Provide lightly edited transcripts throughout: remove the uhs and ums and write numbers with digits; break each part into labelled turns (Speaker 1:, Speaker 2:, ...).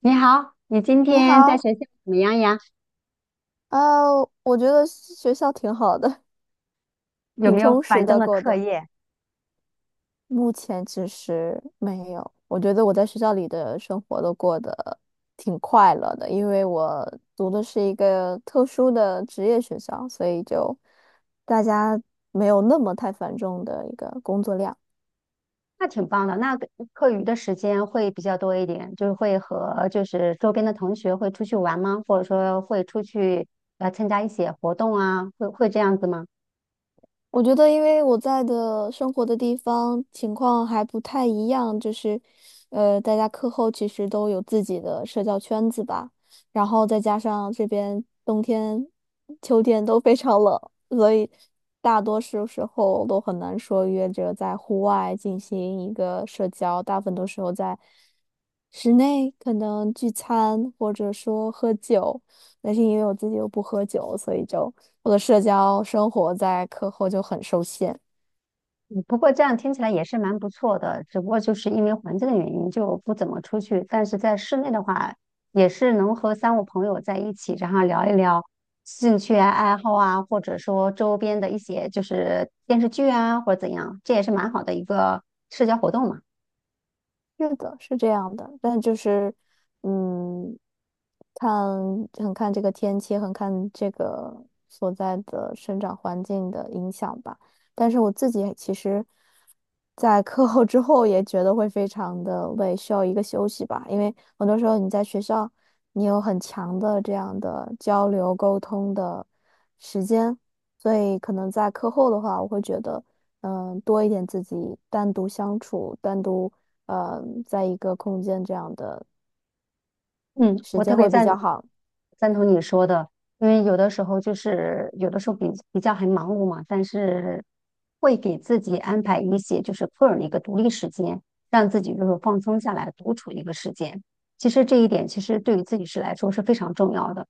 Speaker 1: 你好，你今
Speaker 2: 你
Speaker 1: 天在
Speaker 2: 好，
Speaker 1: 学校怎么样呀？
Speaker 2: 我觉得学校挺好的，
Speaker 1: 有
Speaker 2: 挺
Speaker 1: 没有
Speaker 2: 充实
Speaker 1: 繁重
Speaker 2: 的
Speaker 1: 的
Speaker 2: 过
Speaker 1: 课
Speaker 2: 的。
Speaker 1: 业？
Speaker 2: 目前其实没有，我觉得我在学校里的生活都过得挺快乐的，因为我读的是一个特殊的职业学校，所以就大家没有那么太繁重的一个工作量。
Speaker 1: 那挺棒的，那个课余的时间会比较多一点，就是会和就是周边的同学会出去玩吗？或者说会出去参加一些活动啊？会这样子吗？
Speaker 2: 我觉得，因为我在的生活的地方情况还不太一样，就是，大家课后其实都有自己的社交圈子吧，然后再加上这边冬天、秋天都非常冷，所以大多数时候都很难说约着在户外进行一个社交，大部分都时候在室内可能聚餐或者说喝酒，但是因为我自己又不喝酒，所以就。我的社交生活在课后就很受限。
Speaker 1: 不过这样听起来也是蛮不错的，只不过就是因为环境的原因就不怎么出去。但是在室内的话，也是能和三五朋友在一起，然后聊一聊兴趣啊、爱好啊，或者说周边的一些就是电视剧啊，或者怎样，这也是蛮好的一个社交活动嘛。
Speaker 2: 是的，是这样的，但就是，嗯，看很看这个天气，很看这个所在的生长环境的影响吧。但是我自己其实，在课后之后也觉得会非常的累，需要一个休息吧。因为很多时候你在学校，你有很强的这样的交流沟通的时间，所以可能在课后的话，我会觉得。多一点自己单独相处、单独在一个空间这样的
Speaker 1: 嗯，
Speaker 2: 时
Speaker 1: 我特
Speaker 2: 间
Speaker 1: 别
Speaker 2: 会比
Speaker 1: 赞
Speaker 2: 较
Speaker 1: 同
Speaker 2: 好。
Speaker 1: 你说的，因为有的时候就是有的时候比较很忙碌嘛，但是会给自己安排一些就是个人的一个独立时间，让自己就是放松下来独处的一个时间。其实这一点其实对于自己是来说是非常重要的。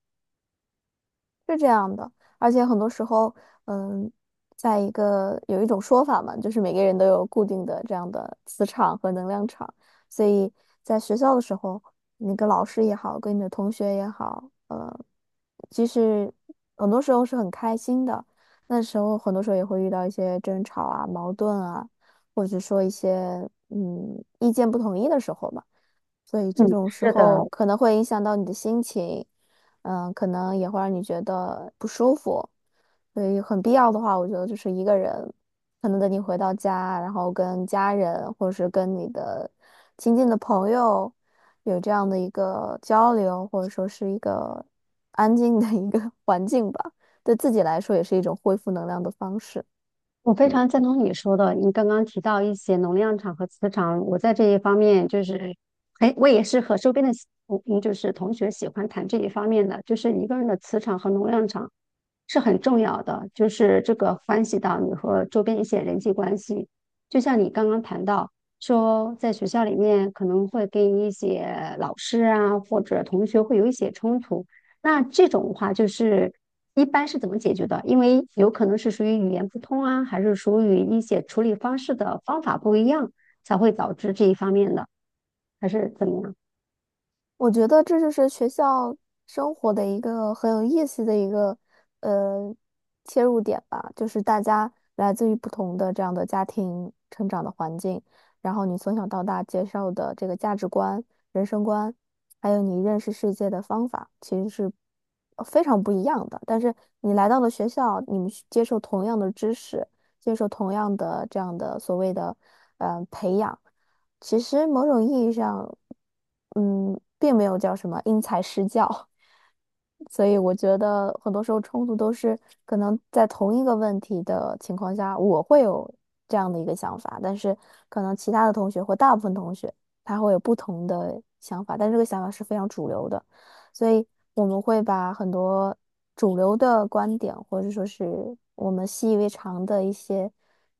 Speaker 2: 是这样的，而且很多时候，嗯，在一个有一种说法嘛，就是每个人都有固定的这样的磁场和能量场，所以在学校的时候，你跟老师也好，跟你的同学也好，其实很多时候是很开心的，那时候很多时候也会遇到一些争吵啊、矛盾啊，或者说一些意见不统一的时候嘛，所以
Speaker 1: 嗯，
Speaker 2: 这种时
Speaker 1: 是的，
Speaker 2: 候可能会影响到你的心情。嗯，可能也会让你觉得不舒服，所以很必要的话，我觉得就是一个人，可能等你回到家，然后跟家人或者是跟你的亲近的朋友有这样的一个交流，或者说是一个安静的一个 环境吧，对自己来说也是一种恢复能量的方式。
Speaker 1: 我非常赞同你说的，你刚刚提到一些能量场和磁场，我在这一方面就是很，我也是和周边的就是同学喜欢谈这一方面的，就是一个人的磁场和能量场是很重要的，就是这个关系到你和周边一些人际关系。就像你刚刚谈到说，在学校里面可能会跟一些老师啊或者同学会有一些冲突，那这种的话，就是一般是怎么解决的？因为有可能是属于语言不通啊，还是属于一些处理方式的方法不一样，才会导致这一方面的，还是怎么样？
Speaker 2: 我觉得这就是学校生活的一个很有意思的一个呃切入点吧，就是大家来自于不同的这样的家庭成长的环境，然后你从小到大接受的这个价值观、人生观，还有你认识世界的方法，其实是非常不一样的。但是你来到了学校，你们是接受同样的知识，接受同样的这样的所谓的培养。其实某种意义上，并没有叫什么因材施教，所以我觉得很多时候冲突都是可能在同一个问题的情况下，我会有这样的一个想法，但是可能其他的同学或大部分同学他会有不同的想法，但这个想法是非常主流的，所以我们会把很多主流的观点，或者说是我们习以为常的一些。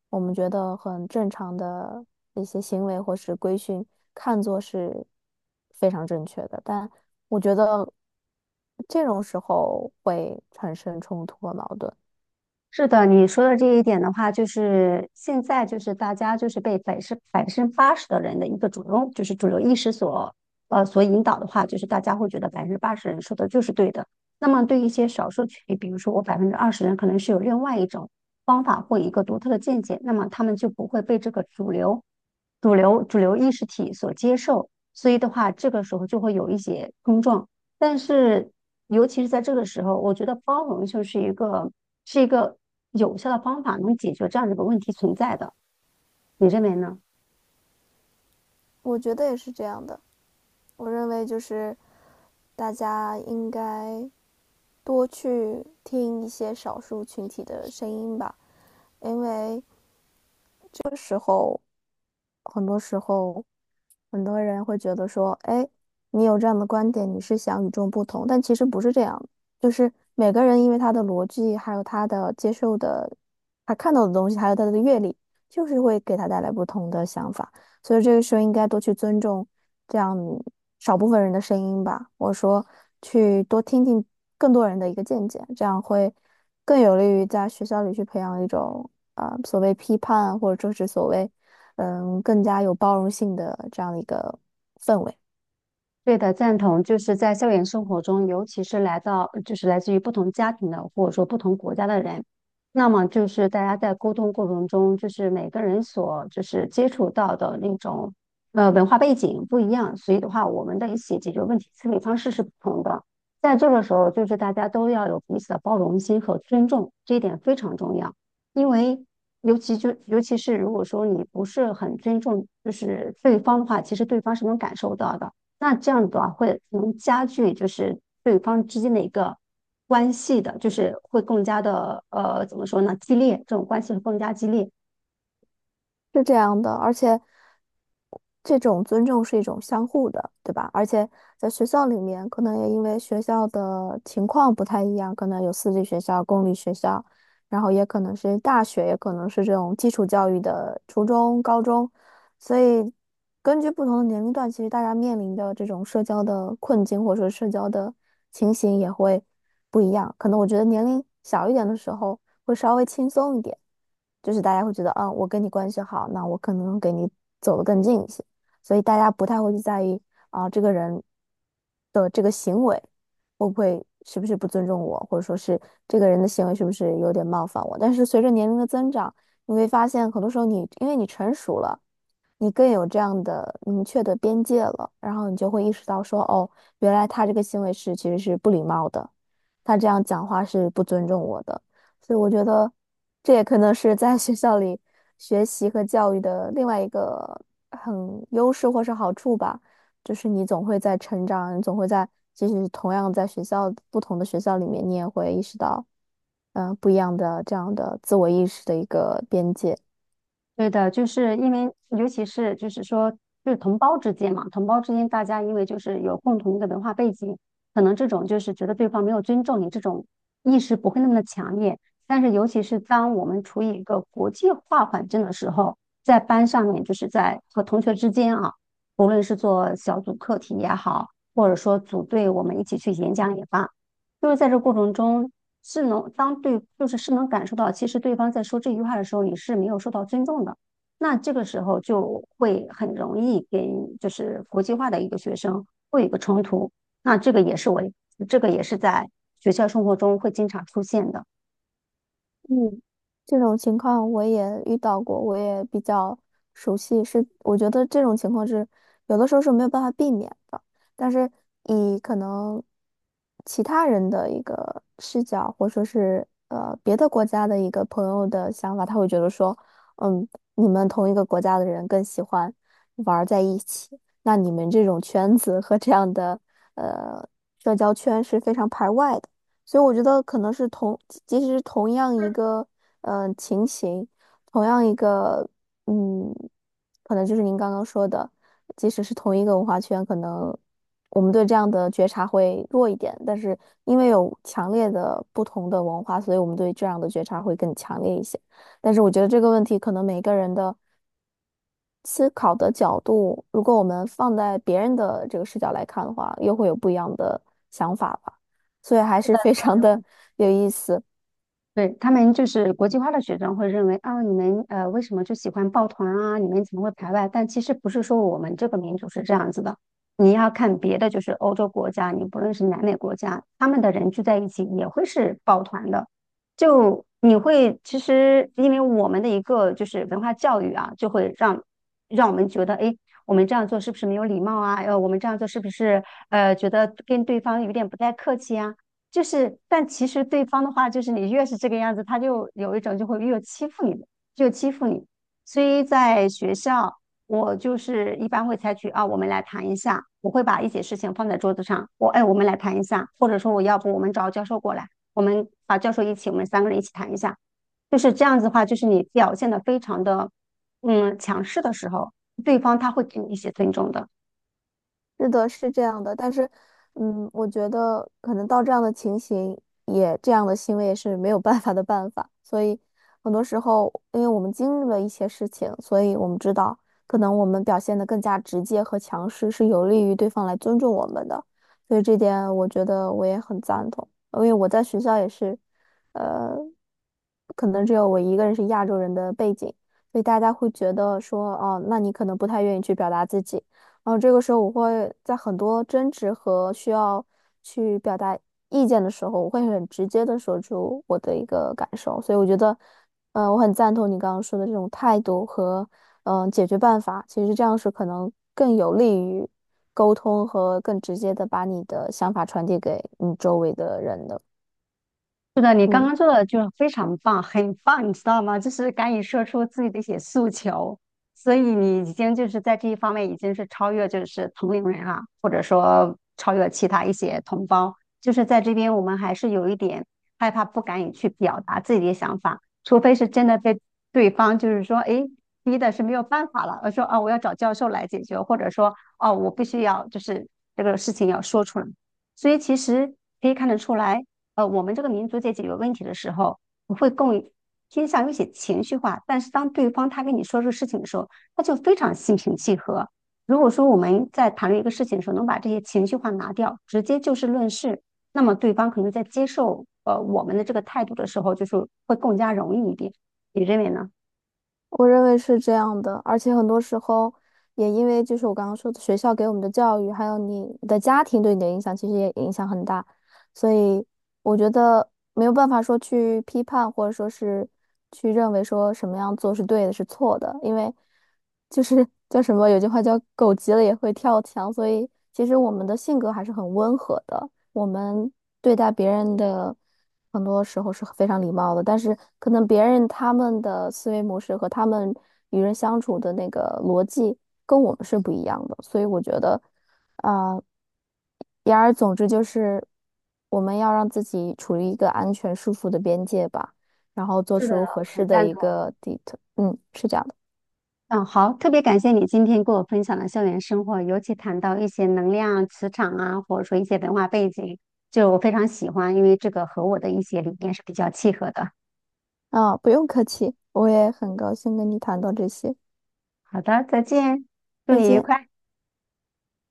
Speaker 2: 我们觉得很正常的一些行为或是规训，看作是非常正确的。但我觉得这种时候会产生冲突和矛盾。
Speaker 1: 是的，你说的这一点的话，就是现在就是大家就是被百分之八十的人的一个主流，就是主流意识所引导的话，就是大家会觉得百分之八十人说的就是对的。那么对一些少数群体，比如说我20%人可能是有另外一种方法或一个独特的见解，那么他们就不会被这个主流意识体所接受，所以的话，这个时候就会有一些碰撞。但是，尤其是在这个时候，我觉得包容就是一个是一个有效的方法，能解决这样的一个问题存在的。你认为呢？
Speaker 2: 我觉得也是这样的。我认为就是大家应该多去听一些少数群体的声音吧，因为很多时候。很多人会觉得说，哎，你有这样的观点，你是想与众不同，但其实不是这样的就是每个人因为他的逻辑，还有他的接受的，他看到的东西，还有他的阅历，就是会给他带来不同的想法，所以这个时候应该多去尊重这样少部分人的声音吧。我说，去多听听更多人的一个见解，这样会更有利于在学校里去培养一种所谓批判，或者说是所谓。更加有包容性的这样的一个氛围，
Speaker 1: 对的，赞同。就是在校园生活中，尤其是来到，就是来自于不同家庭的，或者说不同国家的人，那么就是大家在沟通过程中，就是每个人所就是接触到的那种文化背景不一样，所以的话，我们的一些解决问题思维方式是不同的。在这个时候，就是大家都要有彼此的包容心和尊重，这一点非常重要。因为尤其是如果说你不是很尊重就是对方的话，其实对方是能感受到的。那这样的话会能加剧就是对方之间的一个关系的，就是会更加的怎么说呢，激烈，这种关系会更加激烈。
Speaker 2: 是这样的。而且，这种尊重是一种相互的，对吧？而且在学校里面，可能也因为学校的情况不太一样，可能有私立学校、公立学校，然后也可能是大学，也可能是这种基础教育的初中、高中，所以根据不同的年龄段，其实大家面临的这种社交的困境或者说社交的情形也会不一样。可能我觉得年龄小一点的时候。会稍微轻松一点，就是大家会觉得，啊，我跟你关系好，那我可能给你走得更近一些，所以大家不太会去在意啊，这个人的这个行为会不会是不是不尊重我，或者说是这个人的行为是不是有点冒犯我。但是随着年龄的增长，你会发现很多时候你因为你成熟了。你更有这样的明确的边界了，然后你就会意识到说，哦，原来他这个行为是其实是不礼貌的，他这样讲话是不尊重我的。所以我觉得这也可能是在学校里学习和教育的另外一个很优势或是好处吧，就是你总会在成长，你总会在，即使同样在学校不同的学校里面，你也会意识到，不一样的这样的自我意识的一个边界。
Speaker 1: 对的，就是因为，尤其是就是说，就是同胞之间嘛，同胞之间大家因为就是有共同的文化背景，可能这种就是觉得对方没有尊重你这种意识不会那么的强烈。但是，尤其是当我们处于一个国际化环境的时候，在班上面，就是在和同学之间啊，无论是做小组课题也好，或者说组队我们一起去演讲也罢，就是在这过程中，是能当对，就是是能感受到，其实对方在说这句话的时候，你是没有受到尊重的。那这个时候就会很容易跟就是国际化的一个学生会有一个冲突。那这个也是我，这个也是在学校生活中会经常出现的。
Speaker 2: 嗯，这种情况我也遇到过，我也比较熟悉。是，我觉得这种情况是有的时候是没有办法避免的，但是以可能其他人的一个视角，或者说是别的国家的一个朋友的想法，他会觉得说，嗯，你们同一个国家的人更喜欢玩儿在一起，那你们这种圈子和这样的呃社交圈是非常排外的。所以我觉得可能是同，即使是同样一个情形，同样一个嗯，可能就是您刚刚说的，即使是同一个文化圈，可能我们对这样的觉察会弱一点，但是因为有强烈的不同的文化，所以我们对这样的觉察会更强烈一些。但是我觉得这个问题可能每个人的。思考的角度，如果我们放在别人的这个视角来看的话，又会有不一样的想法吧。所以还
Speaker 1: 是
Speaker 2: 是
Speaker 1: 的，
Speaker 2: 非
Speaker 1: 他
Speaker 2: 常
Speaker 1: 们会
Speaker 2: 的有意思。
Speaker 1: 对，他们就是国际化的学生会认为，啊，你们为什么就喜欢抱团啊？你们怎么会排外？但其实不是说我们这个民族是这样子的。你要看别的，就是欧洲国家，你不论是南美国家，他们的人聚在一起也会是抱团的。就你会其实因为我们的一个就是文化教育啊，就会让让我们觉得，哎，我们这样做是不是没有礼貌啊？我们这样做是不是觉得跟对方有点不太客气啊？就是，但其实对方的话，就是你越是这个样子，他就有一种就会越欺负你的，就欺负你。所以在学校，我就是一般会采取啊，我们来谈一下，我会把一些事情放在桌子上，我哎，我们来谈一下，或者说我要不我们找教授过来，我们把教授一起，我们3个人一起谈一下。就是这样子的话，就是你表现的非常的强势的时候，对方他会给你一些尊重的。
Speaker 2: 是的，是这样的，但是，我觉得可能到这样的情形也这样的行为也是没有办法的办法，所以很多时候，因为我们经历了一些事情，所以我们知道，可能我们表现得更加直接和强势是有利于对方来尊重我们的，所以这点我觉得我也很赞同，因为我在学校也是，呃，可能只有我一个人是亚洲人的背景，所以大家会觉得说，哦，那你可能不太愿意去表达自己。然后这个时候，我会在很多争执和需要去表达意见的时候，我会很直接的说出我的一个感受。所以我觉得，我很赞同你刚刚说的这种态度和解决办法。其实这样是可能更有利于沟通和更直接的把你的想法传递给你周围的人的。
Speaker 1: 是的，你刚
Speaker 2: 嗯。
Speaker 1: 刚做的就非常棒，很棒，你知道吗？就是敢于说出自己的一些诉求，所以你已经就是在这一方面已经是超越就是同龄人了，或者说超越其他一些同胞。就是在这边，我们还是有一点害怕，不敢于去表达自己的想法，除非是真的被对方就是说，诶，逼的是没有办法了，而说啊，我要找教授来解决，或者说啊我必须要就是这个事情要说出来。所以其实可以看得出来。我们这个民族在解决问题的时候，我会更偏向于一些情绪化。但是当对方他跟你说这个事情的时候，他就非常心平气和。如果说我们在谈论一个事情的时候，能把这些情绪化拿掉，直接就事论事，那么对方可能在接受我们的这个态度的时候，就是会更加容易一点。你认为呢？
Speaker 2: 我认为是这样的，而且很多时候也因为就是我刚刚说的学校给我们的教育，还有你的家庭对你的影响，其实也影响很大。所以我觉得没有办法说去批判，或者说是去认为说什么样做是对的，是错的，因为就是叫什么，有句话叫“狗急了也会跳墙”，所以其实我们的性格还是很温和的。我们对待别人的很多时候是非常礼貌的，但是可能别人他们的思维模式和他们与人相处的那个逻辑跟我们是不一样的，所以我觉得，啊、言而总之就是我们要让自己处于一个安全舒服的边界吧，然后做
Speaker 1: 是的，
Speaker 2: 出合
Speaker 1: 很
Speaker 2: 适的
Speaker 1: 赞
Speaker 2: 一
Speaker 1: 同。
Speaker 2: 个 d 嗯，是这样的
Speaker 1: 嗯，好，特别感谢你今天跟我分享的校园生活，尤其谈到一些能量、磁场啊，或者说一些文化背景，就我非常喜欢，因为这个和我的一些理念是比较契合的。
Speaker 2: 不用客气，我也很高兴跟你谈到这些，
Speaker 1: 好的，再见，祝
Speaker 2: 再
Speaker 1: 你愉
Speaker 2: 见。
Speaker 1: 快。